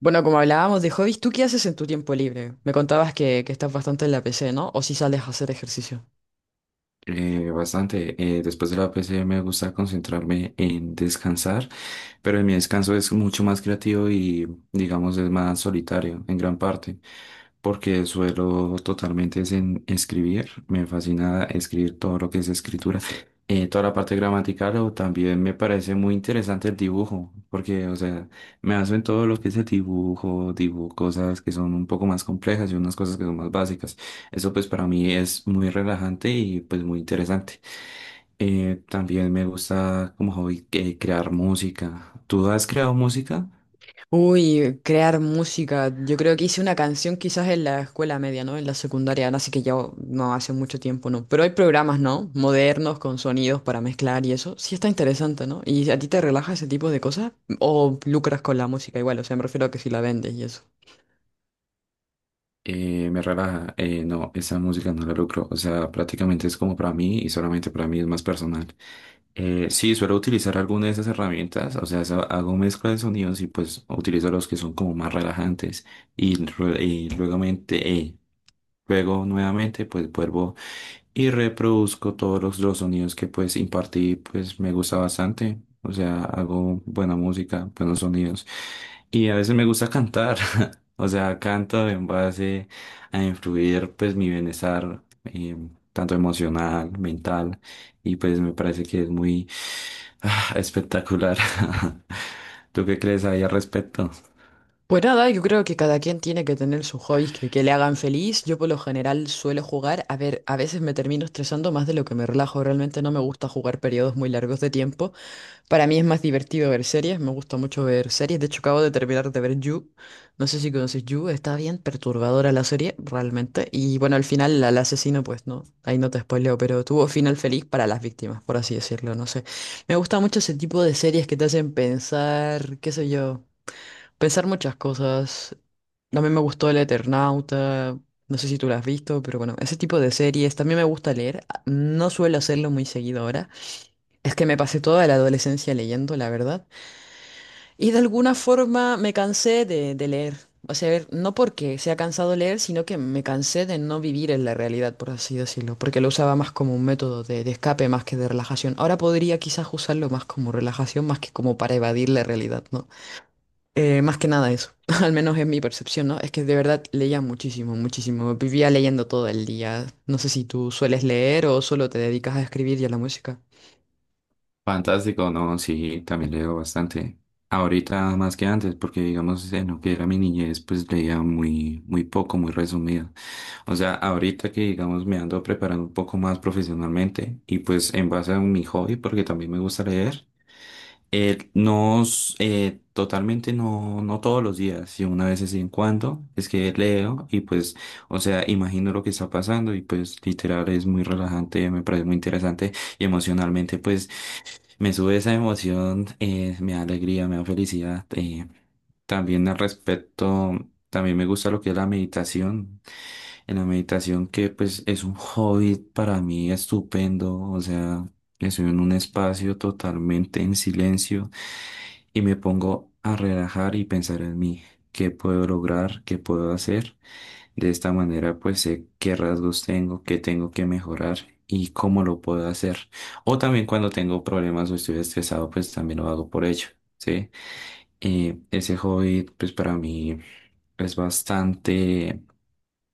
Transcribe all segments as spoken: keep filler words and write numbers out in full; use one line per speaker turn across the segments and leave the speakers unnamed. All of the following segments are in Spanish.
Bueno, como hablábamos de hobbies, ¿tú qué haces en tu tiempo libre? Me contabas que, que estás bastante en la P C, ¿no? ¿O si sales a hacer ejercicio?
Eh, bastante. Eh, después de la P C me gusta concentrarme en descansar, pero en mi descanso es mucho más creativo y digamos es más solitario en gran parte, porque suelo totalmente es en escribir. Me fascina escribir todo lo que es escritura, eh, toda la parte gramatical o también me parece muy interesante el dibujo, porque o sea, me hacen todo lo que es el dibujo, dibujo cosas que son un poco más complejas y unas cosas que son más básicas. Eso pues para mí es muy relajante y pues muy interesante. Eh, también me gusta como hobby eh, crear música. ¿Tú has creado música?
Uy, crear música. Yo creo que hice una canción quizás en la escuela media, ¿no? En la secundaria, así que ya no hace mucho tiempo, ¿no? Pero hay programas, ¿no? Modernos con sonidos para mezclar y eso. Sí está interesante, ¿no? ¿Y a ti te relaja ese tipo de cosas? ¿O lucras con la música igual? O sea, me refiero a que si la vendes y eso.
Eh, me relaja. Eh, no, esa música no la lucro. O sea, prácticamente es como para mí y solamente para mí es más personal. Eh, sí, suelo utilizar alguna de esas herramientas. O sea, sa- hago mezcla de sonidos y pues utilizo los que son como más relajantes. Y, rue- y luego, luego nuevamente pues vuelvo y reproduzco todos los, los sonidos que pues impartí, pues me gusta bastante. O sea, hago buena música, buenos sonidos. Y a veces me gusta cantar. O sea, canto en base a influir pues mi bienestar, eh, tanto emocional, mental, y pues me parece que es muy ah, espectacular. ¿Tú qué crees ahí al respecto?
Pues nada, yo creo que cada quien tiene que tener sus hobbies que, que le hagan feliz. Yo por lo general suelo jugar, a ver, a veces me termino estresando más de lo que me relajo. Realmente no me gusta jugar periodos muy largos de tiempo. Para mí es más divertido ver series, me gusta mucho ver series. De hecho, acabo de terminar de ver You. No sé si conoces You, está bien perturbadora la serie, realmente. Y bueno, al final al asesino, pues no, ahí no te spoileo, pero tuvo final feliz para las víctimas, por así decirlo, no sé. Me gusta mucho ese tipo de series que te hacen pensar, qué sé yo. Pensar muchas cosas. También me gustó El Eternauta. No sé si tú lo has visto, pero bueno, ese tipo de series. También me gusta leer. ah, No suelo hacerlo muy seguido ahora. Es que me pasé toda la adolescencia leyendo, la verdad. Y de alguna forma me cansé de, de leer. O sea, a ver, no porque sea cansado leer, sino que me cansé de no vivir en la realidad, por así decirlo. Porque lo usaba más como un método de, de escape más que de relajación. Ahora podría quizás usarlo más como relajación, más que como para evadir la realidad, ¿no? Eh, más que nada eso, al menos es mi percepción, ¿no? Es que de verdad leía muchísimo, muchísimo. Vivía leyendo todo el día. No sé si tú sueles leer o solo te dedicas a escribir y a la música.
Fantástico, no, sí, también leo bastante. Ahorita más que antes, porque digamos en lo que era mi niñez, pues leía muy, muy poco, muy resumido. O sea, ahorita que digamos me ando preparando un poco más profesionalmente y pues en base a mi hobby, porque también me gusta leer, eh, no, s- eh, totalmente no, no todos los días, sino una vez de vez en cuando, es que leo y pues, o sea, imagino lo que está pasando y pues literal es muy relajante, me parece muy interesante y emocionalmente pues me sube esa emoción, eh, me da alegría, me da felicidad. Eh, también al respecto, también me gusta lo que es la meditación. En la meditación que pues es un hobby para mí estupendo, o sea, estoy en un espacio totalmente en silencio y me pongo a relajar y pensar en mí, qué puedo lograr, qué puedo hacer. De esta manera, pues sé qué rasgos tengo, qué tengo que mejorar y cómo lo puedo hacer. O también cuando tengo problemas o estoy estresado, pues también lo hago por ello, ¿sí? Eh, ese hobby, pues para mí es bastante,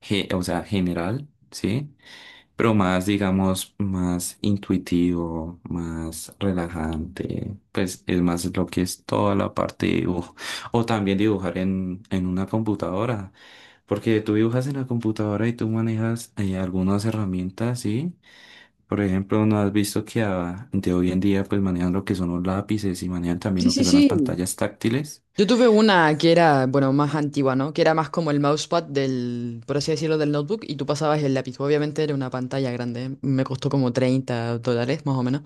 ge- o sea, general, ¿sí? Pero más, digamos, más intuitivo, más relajante, pues es más lo que es toda la parte de dibujo. O también dibujar en, en una computadora, porque tú dibujas en la computadora y tú manejas eh, algunas herramientas, ¿sí? Por ejemplo, ¿no has visto que ah, de hoy en día pues manejan lo que son los lápices y manejan también
Sí,
lo que
sí,
son las
sí.
pantallas táctiles?
Yo tuve una que era, bueno, más antigua, ¿no? Que era más como el mousepad del, por así decirlo, del notebook y tú pasabas el lápiz. Obviamente era una pantalla grande, ¿eh? Me costó como treinta dólares, más o menos.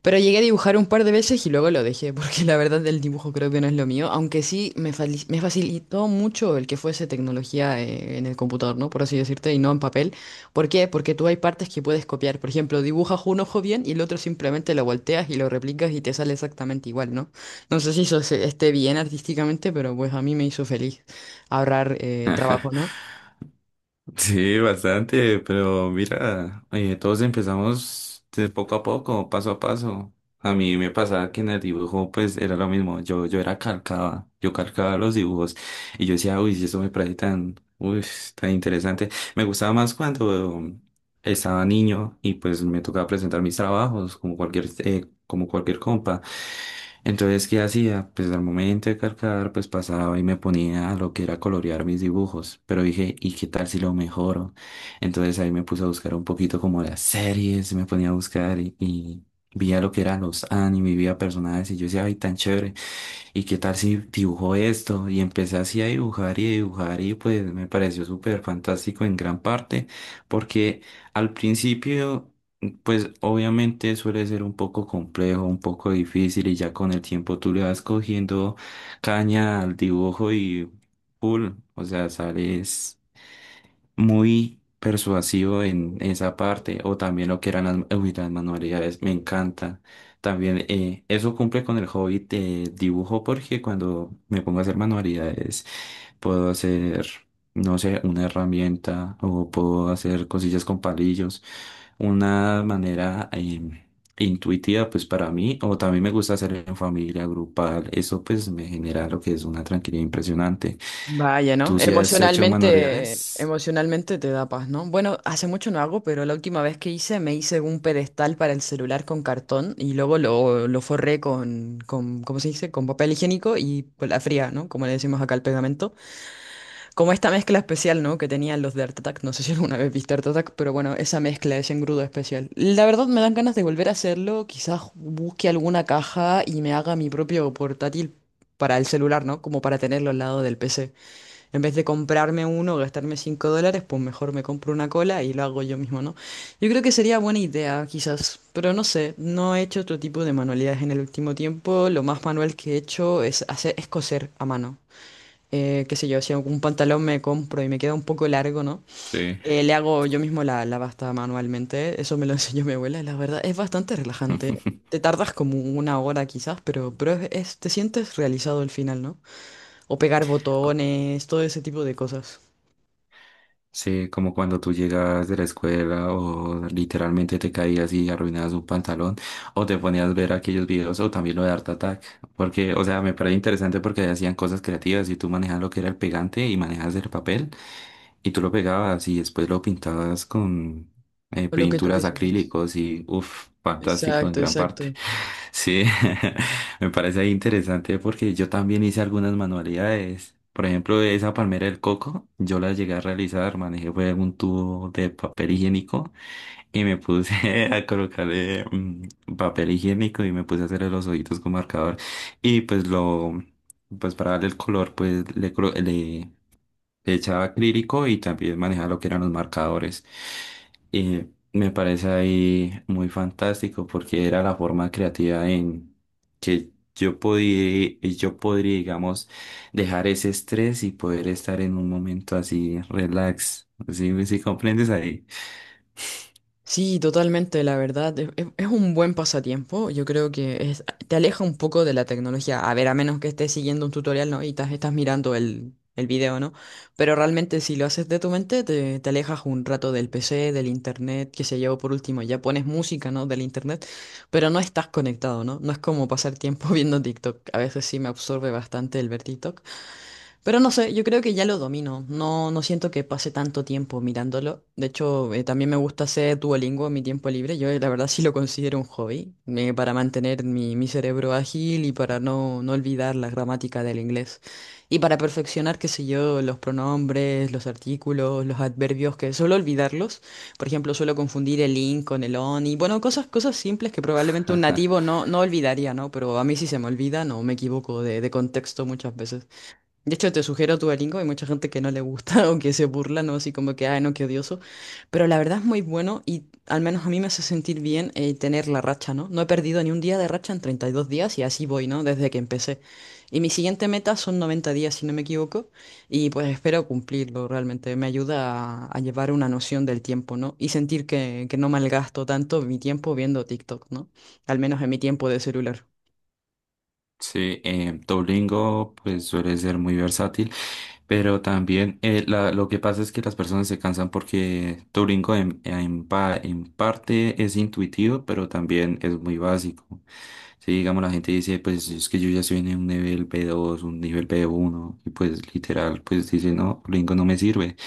Pero llegué a dibujar un par de veces y luego lo dejé, porque la verdad el dibujo creo que no es lo mío, aunque sí me, fali- me facilitó mucho el que fuese tecnología eh, en el computador, ¿no? Por así decirte, y no en papel. ¿Por qué? Porque tú hay partes que puedes copiar. Por ejemplo, dibujas un ojo bien y el otro simplemente lo volteas y lo replicas y te sale exactamente igual, ¿no? No sé si eso se- esté bien artísticamente, pero pues a mí me hizo feliz ahorrar eh, trabajo, ¿no?
Sí, bastante, pero mira, eh, todos empezamos de poco a poco, paso a paso. A mí me pasaba que en el dibujo pues era lo mismo, yo, yo era calcaba, yo calcaba los dibujos y yo decía, uy, si eso me parece tan, uy, tan interesante. Me gustaba más cuando estaba niño y pues me tocaba presentar mis trabajos como cualquier, eh, como cualquier compa. Entonces, ¿qué hacía? Pues al momento de cargar, pues pasaba y me ponía a lo que era colorear mis dibujos. Pero dije, ¿y qué tal si lo mejoro? Entonces ahí me puse a buscar un poquito como las series, me ponía a buscar y, y vi a lo que eran los anime, vi a personajes y yo decía, ay, tan chévere. ¿Y qué tal si dibujo esto? Y empecé así a dibujar y a dibujar y pues me pareció súper fantástico en gran parte, porque al principio, pues obviamente suele ser un poco complejo, un poco difícil y ya con el tiempo tú le vas cogiendo caña al dibujo y... full o sea, sales muy persuasivo en esa parte, o también lo que eran las, uy, las manualidades, me encanta. También eh, eso cumple con el hobby de dibujo porque cuando me pongo a hacer manualidades puedo hacer, no sé, una herramienta o puedo hacer cosillas con palillos, una manera em, intuitiva pues para mí, o también me gusta hacer en familia, grupal, eso pues me genera lo que es una tranquilidad impresionante.
Vaya, ¿no?
¿Tú sí has hecho
Emocionalmente,
manualidades?
emocionalmente te da paz, ¿no? Bueno, hace mucho no hago, pero la última vez que hice me hice un pedestal para el celular con cartón y luego lo, lo forré con, con, ¿cómo se dice? Con papel higiénico y pues, la fría, ¿no? Como le decimos acá al pegamento. Como esta mezcla especial, ¿no? Que tenían los de Art Attack. No sé si alguna vez viste Art Attack, pero bueno, esa mezcla, ese engrudo especial. La verdad me dan ganas de volver a hacerlo. Quizás busque alguna caja y me haga mi propio portátil para el celular, ¿no? Como para tenerlo al lado del P C. En vez de comprarme uno, gastarme cinco dólares, pues mejor me compro una cola y lo hago yo mismo, ¿no? Yo creo que sería buena idea, quizás, pero no sé, no he hecho otro tipo de manualidades en el último tiempo. Lo más manual que he hecho es hacer, es coser a mano. Eh, qué sé yo, si algún pantalón me compro y me queda un poco largo, ¿no?
Sí.
Eh, le hago yo mismo la, la basta manualmente. Eso me lo enseñó mi abuela, y la verdad, es bastante relajante. Te tardas como una hora quizás, pero, pero es- es- te sientes realizado al final, ¿no? O pegar botones, todo ese tipo de cosas.
Sí, como cuando tú llegas de la escuela o literalmente te caías y arruinabas un pantalón o te ponías a ver aquellos videos o también lo de Art Attack, porque, o sea, me parece interesante porque hacían cosas creativas y tú manejabas lo que era el pegante y manejabas el papel y tú lo pegabas y después lo pintabas con eh,
O Lo que tú
pinturas
quisieras.
acrílicos y, uff, fantástico en
Exacto,
gran parte.
exacto.
Sí, me parece ahí interesante porque yo también hice algunas manualidades. Por ejemplo, esa palmera del coco, yo la llegué a realizar, manejé fue un tubo de papel higiénico y me puse a colocarle mm, papel higiénico y me puse a hacerle los ojitos con marcador. Y pues lo, pues para darle el color, pues le, colo- le le echaba acrílico y también manejaba lo que eran los marcadores. Y me parece ahí muy fantástico porque era la forma creativa en que yo podía, yo podría, digamos, dejar ese estrés y poder estar en un momento así relax. ¿Sí, sí comprendes ahí?
Sí, totalmente, la verdad. Es, es- es un buen pasatiempo. Yo creo que es- Te aleja un poco de la tecnología. A ver, a menos que estés siguiendo un tutorial, ¿no? Y estás, estás mirando el, el video, ¿no? Pero realmente si lo haces de tu mente, te, te alejas un rato del P C, del internet, qué sé yo, por último, ya pones música, ¿no? Del internet, pero no estás conectado, ¿no? No es como pasar tiempo viendo TikTok. A veces sí me absorbe bastante el ver TikTok. Pero no sé, yo creo que ya lo domino. No, no siento que pase tanto tiempo mirándolo. De hecho, eh, también me gusta hacer Duolingo en mi tiempo libre. Yo eh, la verdad sí lo considero un hobby, eh, para mantener mi, mi cerebro ágil y para no, no olvidar la gramática del inglés. Y para perfeccionar, qué sé yo, los pronombres, los artículos, los adverbios, que suelo olvidarlos. Por ejemplo, suelo confundir el in con el on y bueno, cosas, cosas simples que probablemente un nativo no, no olvidaría, ¿no? Pero a mí sí se me olvida, no me equivoco de de contexto muchas veces. De hecho, te sugiero tu Duolingo, hay mucha gente que no le gusta o que se burla, ¿no? Así como que, ay, no, qué odioso. Pero la verdad es muy bueno y al menos a mí me hace sentir bien eh, tener la racha, ¿no? No he perdido ni un día de racha en treinta y dos días y así voy, ¿no? Desde que empecé. Y mi siguiente meta son noventa días, si no me equivoco, y pues espero cumplirlo realmente. Me ayuda a, a llevar una noción del tiempo, ¿no? Y sentir que, que no malgasto tanto mi tiempo viendo TikTok, ¿no? Al menos en mi tiempo de celular.
Sí, eh, Duolingo pues suele ser muy versátil. Pero también eh, la- lo que pasa es que las personas se cansan porque Turingo en, en pa- en parte es intuitivo, pero también es muy básico. Si digamos la gente dice, pues es que yo ya estoy en un nivel b dos un nivel b uno y pues literal, pues dice, no, Duolingo no me sirve.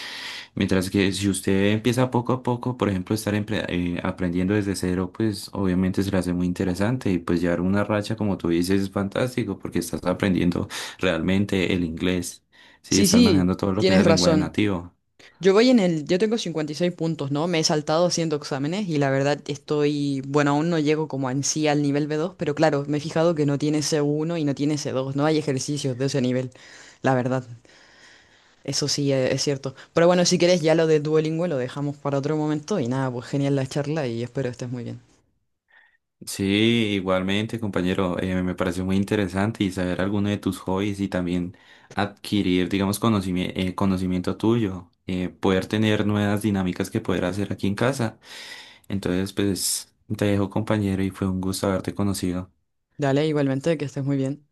Mientras que si usted empieza poco a poco, por ejemplo, estar empre- eh, aprendiendo desde cero, pues obviamente se le hace muy interesante y pues llevar una racha, como tú dices, es fantástico porque estás aprendiendo realmente el inglés. Sí,
Sí,
están
sí,
manejando todo lo que es
tienes
el lenguaje
razón.
nativo.
Yo voy en el, yo tengo cincuenta y seis puntos, ¿no? Me he saltado haciendo exámenes y la verdad estoy, bueno, aún no llego como en sí al nivel b dos, pero claro, me he fijado que no tiene c uno y no tiene c dos, no hay ejercicios de ese nivel, la verdad, eso sí eh, es cierto. Pero bueno, si quieres ya lo de Duolingo lo dejamos para otro momento y nada, pues genial la charla y espero estés muy bien.
Sí, igualmente, compañero, eh, me pareció muy interesante y saber alguno de tus hobbies y también adquirir, digamos, conocimi- eh, conocimiento tuyo, eh, poder tener nuevas dinámicas que poder hacer aquí en casa. Entonces, pues, te dejo, compañero, y fue un gusto haberte conocido.
Dale, igualmente, que estés muy bien.